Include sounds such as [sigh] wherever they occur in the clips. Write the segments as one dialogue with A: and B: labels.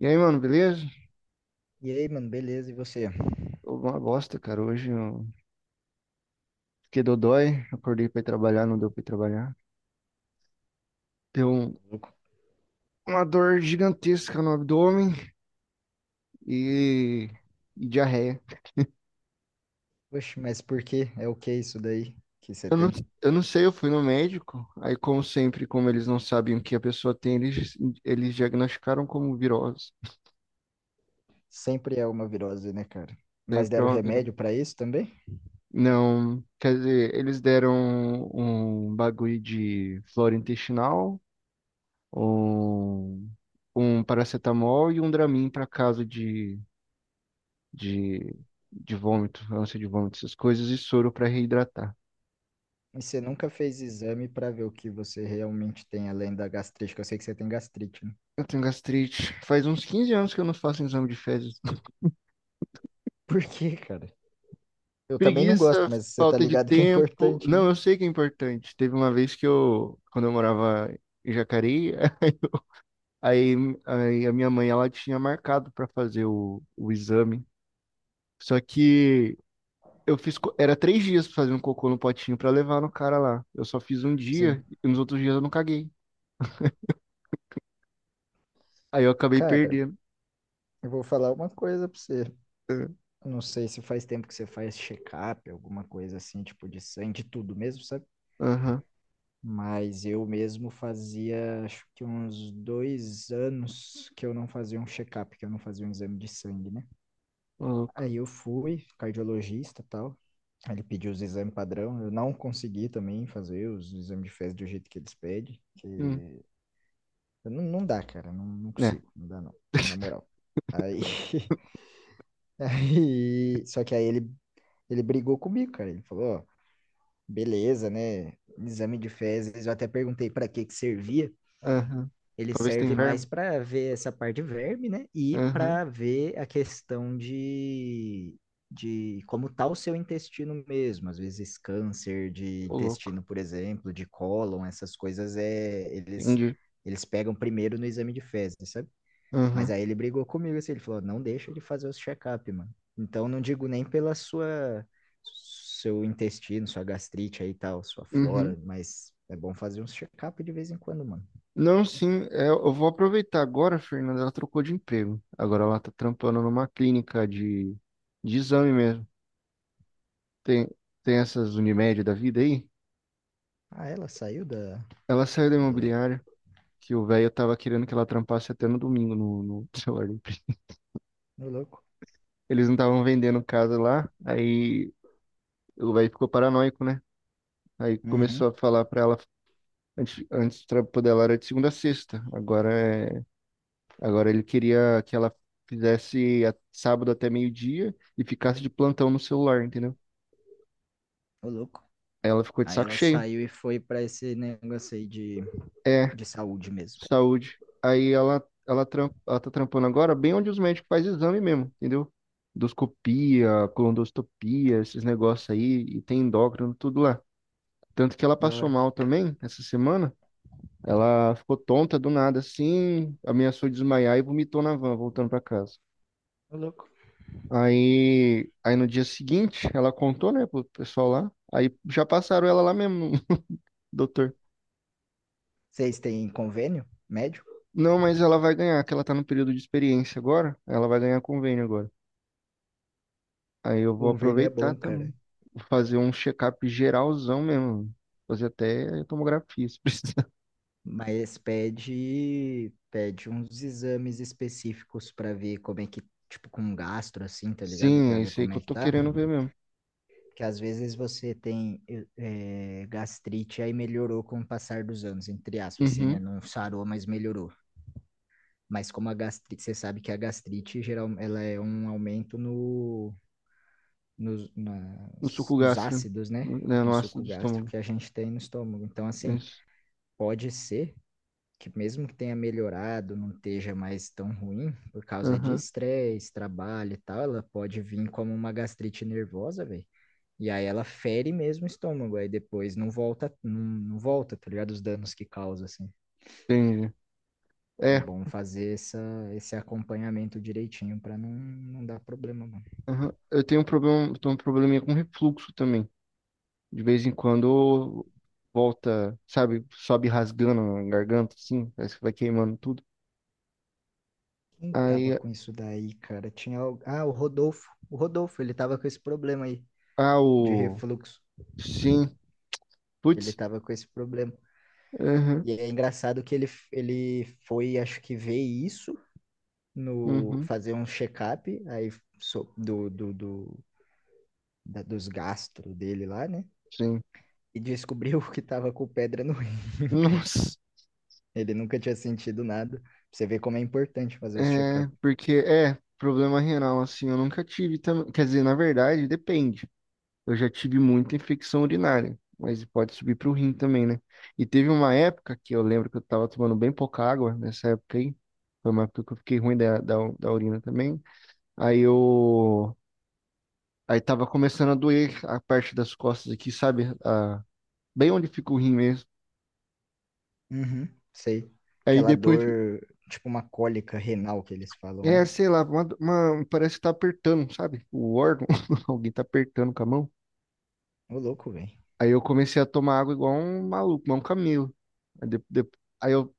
A: E aí, mano, beleza?
B: E aí, mano, beleza? E você?
A: Tô uma bosta, cara. Hoje eu fiquei dodói, acordei pra ir trabalhar, não deu pra ir trabalhar. Deu
B: Louco.
A: uma dor gigantesca no abdômen e, e diarreia.
B: Oxe, mas por que? É o que isso daí que você
A: Eu não,
B: tem?
A: eu não sei, eu fui no médico. Aí, como sempre, como eles não sabem o que a pessoa tem, eles diagnosticaram como virose.
B: Sempre é uma virose, né, cara? Mas
A: Sempre é
B: deram
A: uma
B: remédio
A: virose.
B: pra isso também?
A: Não, quer dizer, eles deram um bagulho de flora intestinal, um, um paracetamol e um Dramin pra caso de, de vômito, ânsia de vômito, essas coisas, e soro para reidratar.
B: E você nunca fez exame pra ver o que você realmente tem além da gastrite, que eu sei que você tem gastrite, né?
A: Eu tenho gastrite. Faz uns 15 anos que eu não faço exame de fezes.
B: [laughs] Por quê, cara?
A: [laughs]
B: Eu também não gosto,
A: Preguiça,
B: mas você tá
A: falta de
B: ligado que é
A: tempo.
B: importante, né?
A: Não, eu sei que é importante. Teve uma vez que eu, quando eu morava em Jacareí, [laughs] aí, aí a minha mãe ela tinha marcado para fazer o exame. Só que eu fiz, era 3 dias pra fazer um cocô no potinho para levar no cara lá. Eu só fiz um
B: Sim.
A: dia e nos outros dias eu não caguei. Aí eu acabei
B: Cara,
A: perdendo.
B: eu vou falar uma coisa pra você.
A: É,
B: Eu não sei se faz tempo que você faz check-up, alguma coisa assim, tipo de sangue, de tudo mesmo, sabe?
A: aham,
B: Mas eu mesmo fazia, acho que uns 2 anos que eu não fazia um check-up, que eu não fazia um exame de sangue, né?
A: uhum, louco.
B: Aí eu fui, cardiologista e tal. Aí ele pediu os exames padrão. Eu não consegui também fazer os exames de fezes do jeito que eles pedem. Que
A: Hum.
B: eu não dá, cara. Não, não
A: Né?
B: consigo. Não dá, não. Na
A: [laughs]
B: moral. Aí, [laughs] aí, só que aí ele brigou comigo, cara. Ele falou, ó, beleza, né? Exame de fezes. Eu até perguntei pra que que servia.
A: Aham.
B: Ele
A: Talvez
B: serve
A: tem
B: mais
A: verme.
B: para ver essa parte de verme, né? E
A: Aham.
B: para ver a questão de como tá o seu intestino mesmo. Às vezes câncer de
A: Ô, louco.
B: intestino, por exemplo, de cólon, essas coisas é eles
A: Entendi.
B: pegam primeiro no exame de fezes, sabe? Mas
A: Aham.
B: aí ele brigou comigo assim, ele falou: "Não deixa ele fazer os check-up, mano". Então não digo nem pela sua seu intestino, sua gastrite aí e tal, sua
A: Uhum.
B: flora, mas é bom fazer uns check-up de vez em quando, mano.
A: Não, sim, é, eu vou aproveitar agora, Fernanda, ela trocou de emprego. Agora ela tá trampando numa clínica de exame mesmo. Tem, tem essas Unimed da vida aí?
B: Ah, ela saiu da,
A: Ela saiu da
B: da...
A: imobiliária, que o velho tava querendo que ela trampasse até no domingo no [laughs] celular. Da
B: Ô, louco.
A: Eles não estavam vendendo casa lá, aí o velho ficou paranoico, né? Aí
B: Uhum.
A: começou a falar pra ela. Antes o trampo dela era de segunda a sexta. É, agora ele queria que ela fizesse sábado até meio-dia e ficasse de plantão no celular, entendeu?
B: Ô, louco.
A: Ela ficou de
B: Aí
A: saco
B: ela
A: cheio.
B: saiu e foi pra esse negócio aí
A: É,
B: de saúde mesmo.
A: saúde. Aí ela tá trampando agora bem onde os médicos fazem exame mesmo, entendeu? Endoscopia, colonoscopia, esses negócios aí, e tem endócrino, tudo lá. Tanto que ela
B: Da
A: passou
B: hora.
A: mal também essa semana. Ela ficou tonta do nada, assim, ameaçou desmaiar e vomitou na van, voltando pra casa.
B: Ô, louco.
A: Aí no dia seguinte, ela contou, né, pro pessoal lá. Aí já passaram ela lá mesmo, [laughs] doutor.
B: Vocês têm convênio médico?
A: Não, mas ela vai ganhar, que ela tá no período de experiência agora. Ela vai ganhar convênio agora. Aí eu vou
B: Convênio é bom,
A: aproveitar também.
B: cara.
A: Vou fazer um check-up geralzão mesmo. Fazer até tomografia, se [laughs] precisar.
B: Mas pede, pede uns exames específicos pra ver como é que, tipo, com gastro, assim, tá ligado?
A: Sim,
B: Pra
A: é
B: ver
A: isso aí
B: como
A: que
B: é
A: eu
B: que
A: tô
B: tá.
A: querendo ver mesmo.
B: Que às vezes você tem gastrite, aí melhorou com o passar dos anos, entre aspas, assim, né?
A: Uhum.
B: Não sarou, mas melhorou. Mas como a gastrite, você sabe que a gastrite geral, ela é um aumento no, nos,
A: No
B: nas-
A: suco
B: nos
A: gástrico,
B: ácidos, né?
A: né,
B: No
A: no ácido
B: suco
A: do
B: gástrico
A: estômago.
B: que a gente tem no estômago. Então, assim,
A: Isso.
B: pode ser que mesmo que tenha melhorado, não esteja mais tão ruim, por causa de
A: Aham.
B: estresse, trabalho e tal, ela pode vir como uma gastrite nervosa, velho. E aí ela fere mesmo o estômago, aí depois não volta, não volta, tá ligado? Os danos que causa, assim.
A: Entendi.
B: É
A: É,
B: bom fazer essa, esse acompanhamento direitinho para não dar problema, mano.
A: aham. Eu tenho um problema, eu tenho um probleminha com refluxo também. De vez em quando volta, sabe, sobe rasgando a garganta, assim, parece que vai queimando tudo.
B: Quem tava
A: Aí,
B: com isso daí, cara? Tinha. Ah, o Rodolfo. O Rodolfo, ele tava com esse problema aí
A: ah,
B: de
A: o...
B: refluxo.
A: Sim,
B: Ele
A: putz,
B: tava com esse problema.
A: uhum,
B: E é engraçado que ele foi, acho que, ver isso no
A: uhum,
B: fazer um check-up aí so- do, do, do, dos gastro dele lá, né?
A: sim.
B: E descobriu [laughs] que tava com pedra no rim, [laughs] cara.
A: Nossa,
B: Ele nunca tinha sentido nada. Você vê como é importante fazer os
A: é,
B: check-ups.
A: porque, é, problema renal, assim, eu nunca tive também, quer dizer, na verdade, depende. Eu já tive muita infecção urinária, mas pode subir pro rim também, né? E teve uma época que eu lembro que eu tava tomando bem pouca água nessa época aí, foi uma época que eu fiquei ruim da urina também. Aí eu. Aí tava começando a doer a parte das costas aqui, sabe? A... Bem onde fica o rim mesmo.
B: Uhum, sei.
A: Aí
B: Aquela
A: depois.
B: dor, tipo uma cólica renal que eles falam,
A: É,
B: né?
A: sei lá, parece que tá apertando, sabe? O órgão. [laughs] Alguém tá apertando com a mão.
B: Ô, louco, velho.
A: Aí eu comecei a tomar água igual um maluco, igual um camelo. Aí, de- de- aí eu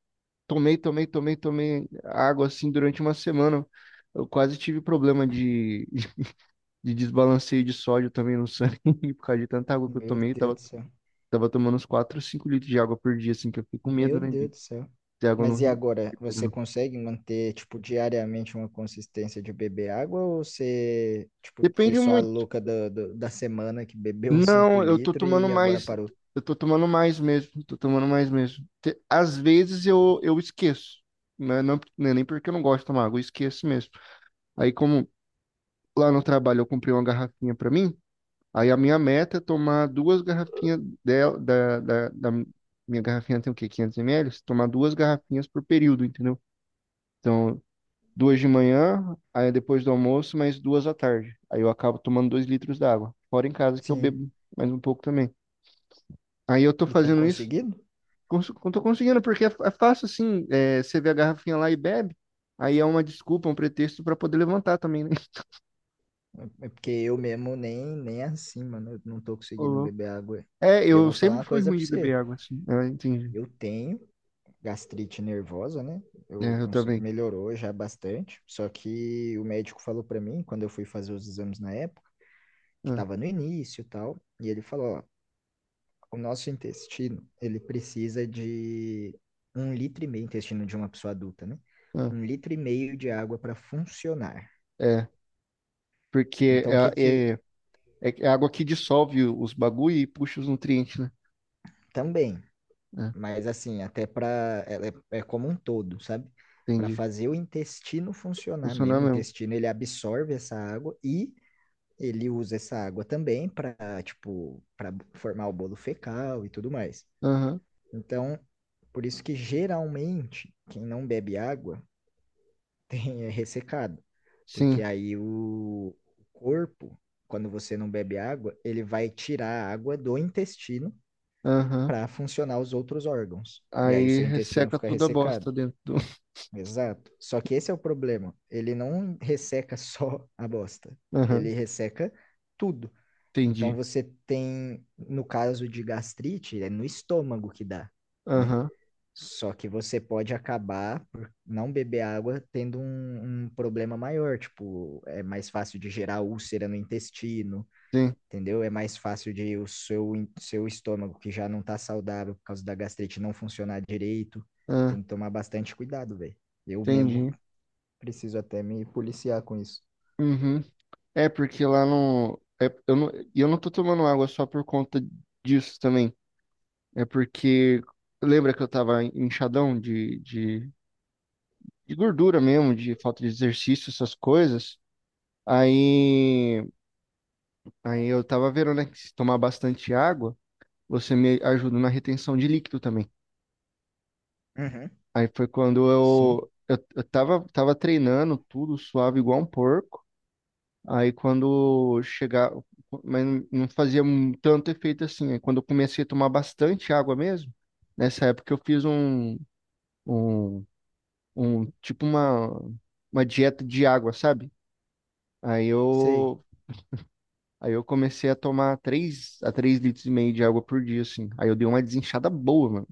A: tomei, tomei, tomei, tomei água assim durante uma semana. Eu quase tive problema de, [laughs] de desbalanceio de sódio também no sangue [laughs] por causa de tanta água que eu
B: Meu
A: tomei.
B: Deus do
A: Tava
B: céu.
A: tomando uns 4, 5 litros de água por dia, assim, que eu fiquei com
B: Meu
A: medo, né,
B: Deus
A: de
B: do céu.
A: ter água no
B: Mas e
A: rim.
B: agora, você consegue manter, tipo, diariamente uma consistência de beber água ou você, tipo, foi
A: Depende
B: só a
A: muito.
B: louca da semana que bebeu [laughs] 5
A: Não, eu tô
B: litros
A: tomando
B: e agora
A: mais,
B: parou?
A: eu tô tomando mais mesmo, tô tomando mais mesmo. Às vezes eu esqueço, né? Não, não é nem porque eu não gosto de tomar água, eu esqueço mesmo. Aí como lá no trabalho eu comprei uma garrafinha pra mim, aí a minha meta é tomar duas garrafinhas dela, da minha garrafinha tem o quê? 500 ml? Tomar duas garrafinhas por período, entendeu? Então, duas de manhã, aí depois do almoço, mais duas à tarde. Aí eu acabo tomando 2 litros d'água. Fora em casa que eu
B: Sim.
A: bebo mais um pouco também. Aí eu tô
B: E tem
A: fazendo isso,
B: conseguido?
A: cons tô conseguindo, porque é fácil assim, é, você vê a garrafinha lá e bebe, aí é uma desculpa, um pretexto pra poder levantar também, né? [laughs]
B: É porque eu mesmo nem é assim, mano, eu não tô
A: Ô,
B: conseguindo
A: louco.
B: beber água.
A: É,
B: E eu
A: eu
B: vou falar
A: sempre
B: uma
A: fui
B: coisa
A: ruim
B: pra
A: de
B: você.
A: beber água, assim. É, eu entendi.
B: Eu tenho gastrite nervosa, né?
A: É, eu também.
B: Melhorou já bastante, só que o médico falou para mim quando eu fui fazer os exames na época, que
A: Ah,
B: estava no início, e tal, e ele falou, ó, o nosso intestino, ele precisa de 1,5 litro intestino de uma pessoa adulta, né?
A: ah,
B: 1,5 litro de água para funcionar.
A: é, porque
B: Então, o que que
A: é água que dissolve os bagulho e puxa os nutrientes.
B: também,
A: Né?
B: mas assim, até para é, é como um todo, sabe?
A: É,
B: Para
A: entendi.
B: fazer o intestino funcionar
A: Funciona
B: mesmo, o
A: mesmo.
B: intestino ele absorve essa água e ele usa essa água também para, tipo, para formar o bolo fecal e tudo mais.
A: Aham,
B: Então, por isso que geralmente quem não bebe água [laughs] tem é ressecado, porque
A: sim.
B: aí o corpo, quando você não bebe água, ele vai tirar a água do intestino
A: Aham.
B: para funcionar os outros órgãos. E aí o
A: Aí
B: seu intestino
A: resseca
B: fica
A: toda a
B: ressecado.
A: bosta dentro do.
B: Exato. Só que esse é o problema. Ele não resseca [laughs] só a bosta.
A: [laughs]
B: Ele
A: Aham,
B: resseca tudo. Então
A: entendi.
B: você tem, no caso de gastrite, é no estômago que dá, né?
A: Aham,
B: Só que você pode acabar por não beber água tendo um problema maior, tipo, é mais fácil de gerar úlcera no intestino,
A: sim.
B: entendeu? É mais fácil de o seu, seu estômago, que já não tá saudável por causa da gastrite, não funcionar direito.
A: Ah,
B: Tem que tomar bastante cuidado, velho. Eu mesmo
A: entendi.
B: preciso até me policiar com isso.
A: Uhum. É porque lá no. É, eu não tô tomando água só por conta disso também. É porque. Lembra que eu tava inchadão de gordura mesmo, de falta de exercício, essas coisas? Aí. Aí eu tava vendo, né? Que se tomar bastante água, você me ajuda na retenção de líquido também.
B: Uhum,
A: Aí foi quando
B: sim,
A: eu tava treinando tudo suave igual um porco. Aí quando chegava, mas não fazia um tanto efeito assim. Aí quando eu comecei a tomar bastante água mesmo, nessa época eu fiz um, um tipo uma dieta de água, sabe? Aí
B: sei.
A: eu, aí eu comecei a tomar 3 a 3 litros e meio de água por dia, assim. Aí eu dei uma desinchada boa, mano.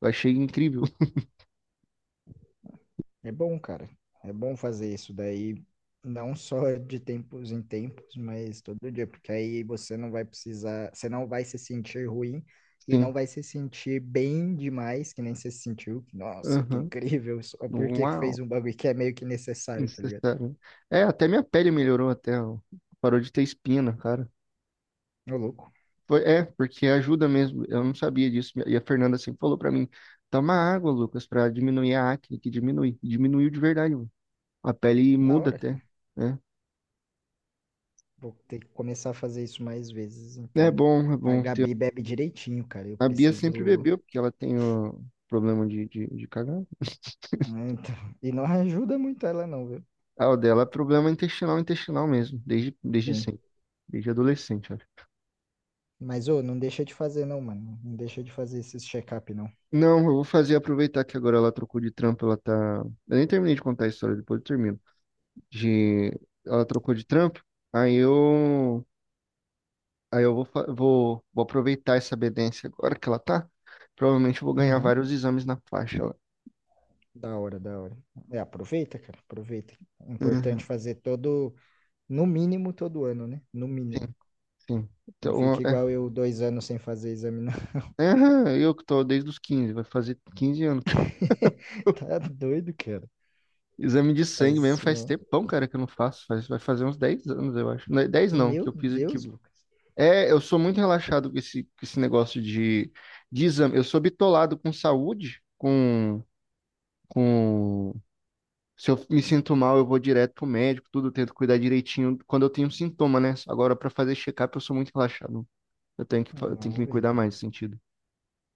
A: Eu achei incrível.
B: É bom, cara. É bom fazer isso daí, não só de tempos em tempos, mas todo dia, porque aí você não vai precisar, você não vai se sentir ruim
A: [laughs]
B: e não
A: Sim.
B: vai se sentir bem demais, que nem você se sentiu. Nossa, que
A: Aham.
B: incrível, [laughs] só porque que fez
A: Uau.
B: um bagulho que é meio que necessário, tá ligado?
A: Necessário. É, até minha pele melhorou até, ó. Parou de ter espina, cara.
B: Ô, louco.
A: Foi, é, porque ajuda mesmo. Eu não sabia disso. E a Fernanda sempre falou pra mim, toma água, Lucas, pra diminuir a acne, que diminui. E diminuiu de verdade, mano. A pele
B: Da
A: muda
B: hora,
A: até,
B: cara.
A: né?
B: Vou ter que começar a fazer isso mais vezes, então.
A: É
B: A
A: bom ter.
B: Gabi bebe direitinho, cara. Eu
A: A Bia sempre
B: preciso.
A: bebeu, porque ela tem o problema de cagar.
B: Ah, então... E não ajuda muito ela, não, viu?
A: Ah, o dela é problema intestinal, intestinal mesmo, desde
B: Sim.
A: sempre, desde adolescente.
B: Mas, ô, não deixa de fazer, não, mano. Não deixa de fazer esses check-up, não.
A: Não, eu vou fazer aproveitar que agora ela trocou de trampo, ela tá. Eu nem terminei de contar a história, depois eu termino. De... Ela trocou de trampo, aí eu. Aí eu vou aproveitar essa obediência agora que ela tá. Provavelmente eu vou ganhar
B: Uhum.
A: vários exames na faixa lá.
B: Da hora, da hora. É, aproveita, cara. Aproveita. É
A: Uhum,
B: importante fazer todo, no mínimo, todo ano, né? No mínimo.
A: sim, sim.
B: Não
A: Então,
B: fica igual eu, 2 anos sem fazer exame, não.
A: aham, eu que tô desde os 15, vai fazer 15 anos.
B: [laughs] Tá doido, cara.
A: Exame de
B: Faz
A: sangue mesmo
B: isso,
A: faz
B: não.
A: tempão, cara, que eu não faço. Faz... Vai fazer uns 10 anos, eu acho. Não, 10 não, que
B: Meu
A: eu fiz aqui.
B: Deus, Lucas.
A: É, eu sou muito relaxado com esse negócio de exame. Eu sou bitolado com saúde, com... Se eu me sinto mal, eu vou direto pro médico, tudo, eu tento cuidar direitinho quando eu tenho sintoma, né? Agora, pra fazer check-up, eu sou muito relaxado. Eu tenho que, fa- eu tenho
B: Não,
A: que me
B: velho.
A: cuidar mais nesse sentido.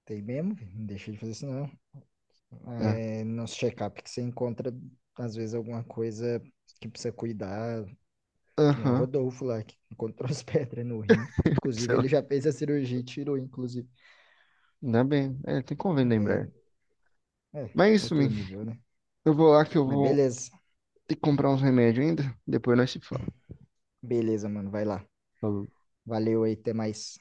B: Tem mesmo, velho. Não deixa de fazer isso, não.
A: É.
B: É, nos check-up que você encontra, às vezes, alguma coisa que precisa cuidar. Que nem o
A: Aham.
B: Rodolfo lá, que encontrou [laughs] as pedras no rim.
A: Sei
B: Inclusive,
A: lá.
B: ele já fez a cirurgia e tirou, inclusive.
A: Ainda bem. É, tem convênio da Embraer.
B: É, é,
A: Mas é isso,
B: outro
A: mim.
B: nível, né?
A: Eu vou lá que eu
B: Mas
A: vou
B: beleza.
A: ter que comprar uns remédios ainda. Depois nós se fala.
B: Beleza, mano. Vai lá.
A: Falou.
B: Valeu aí, até mais.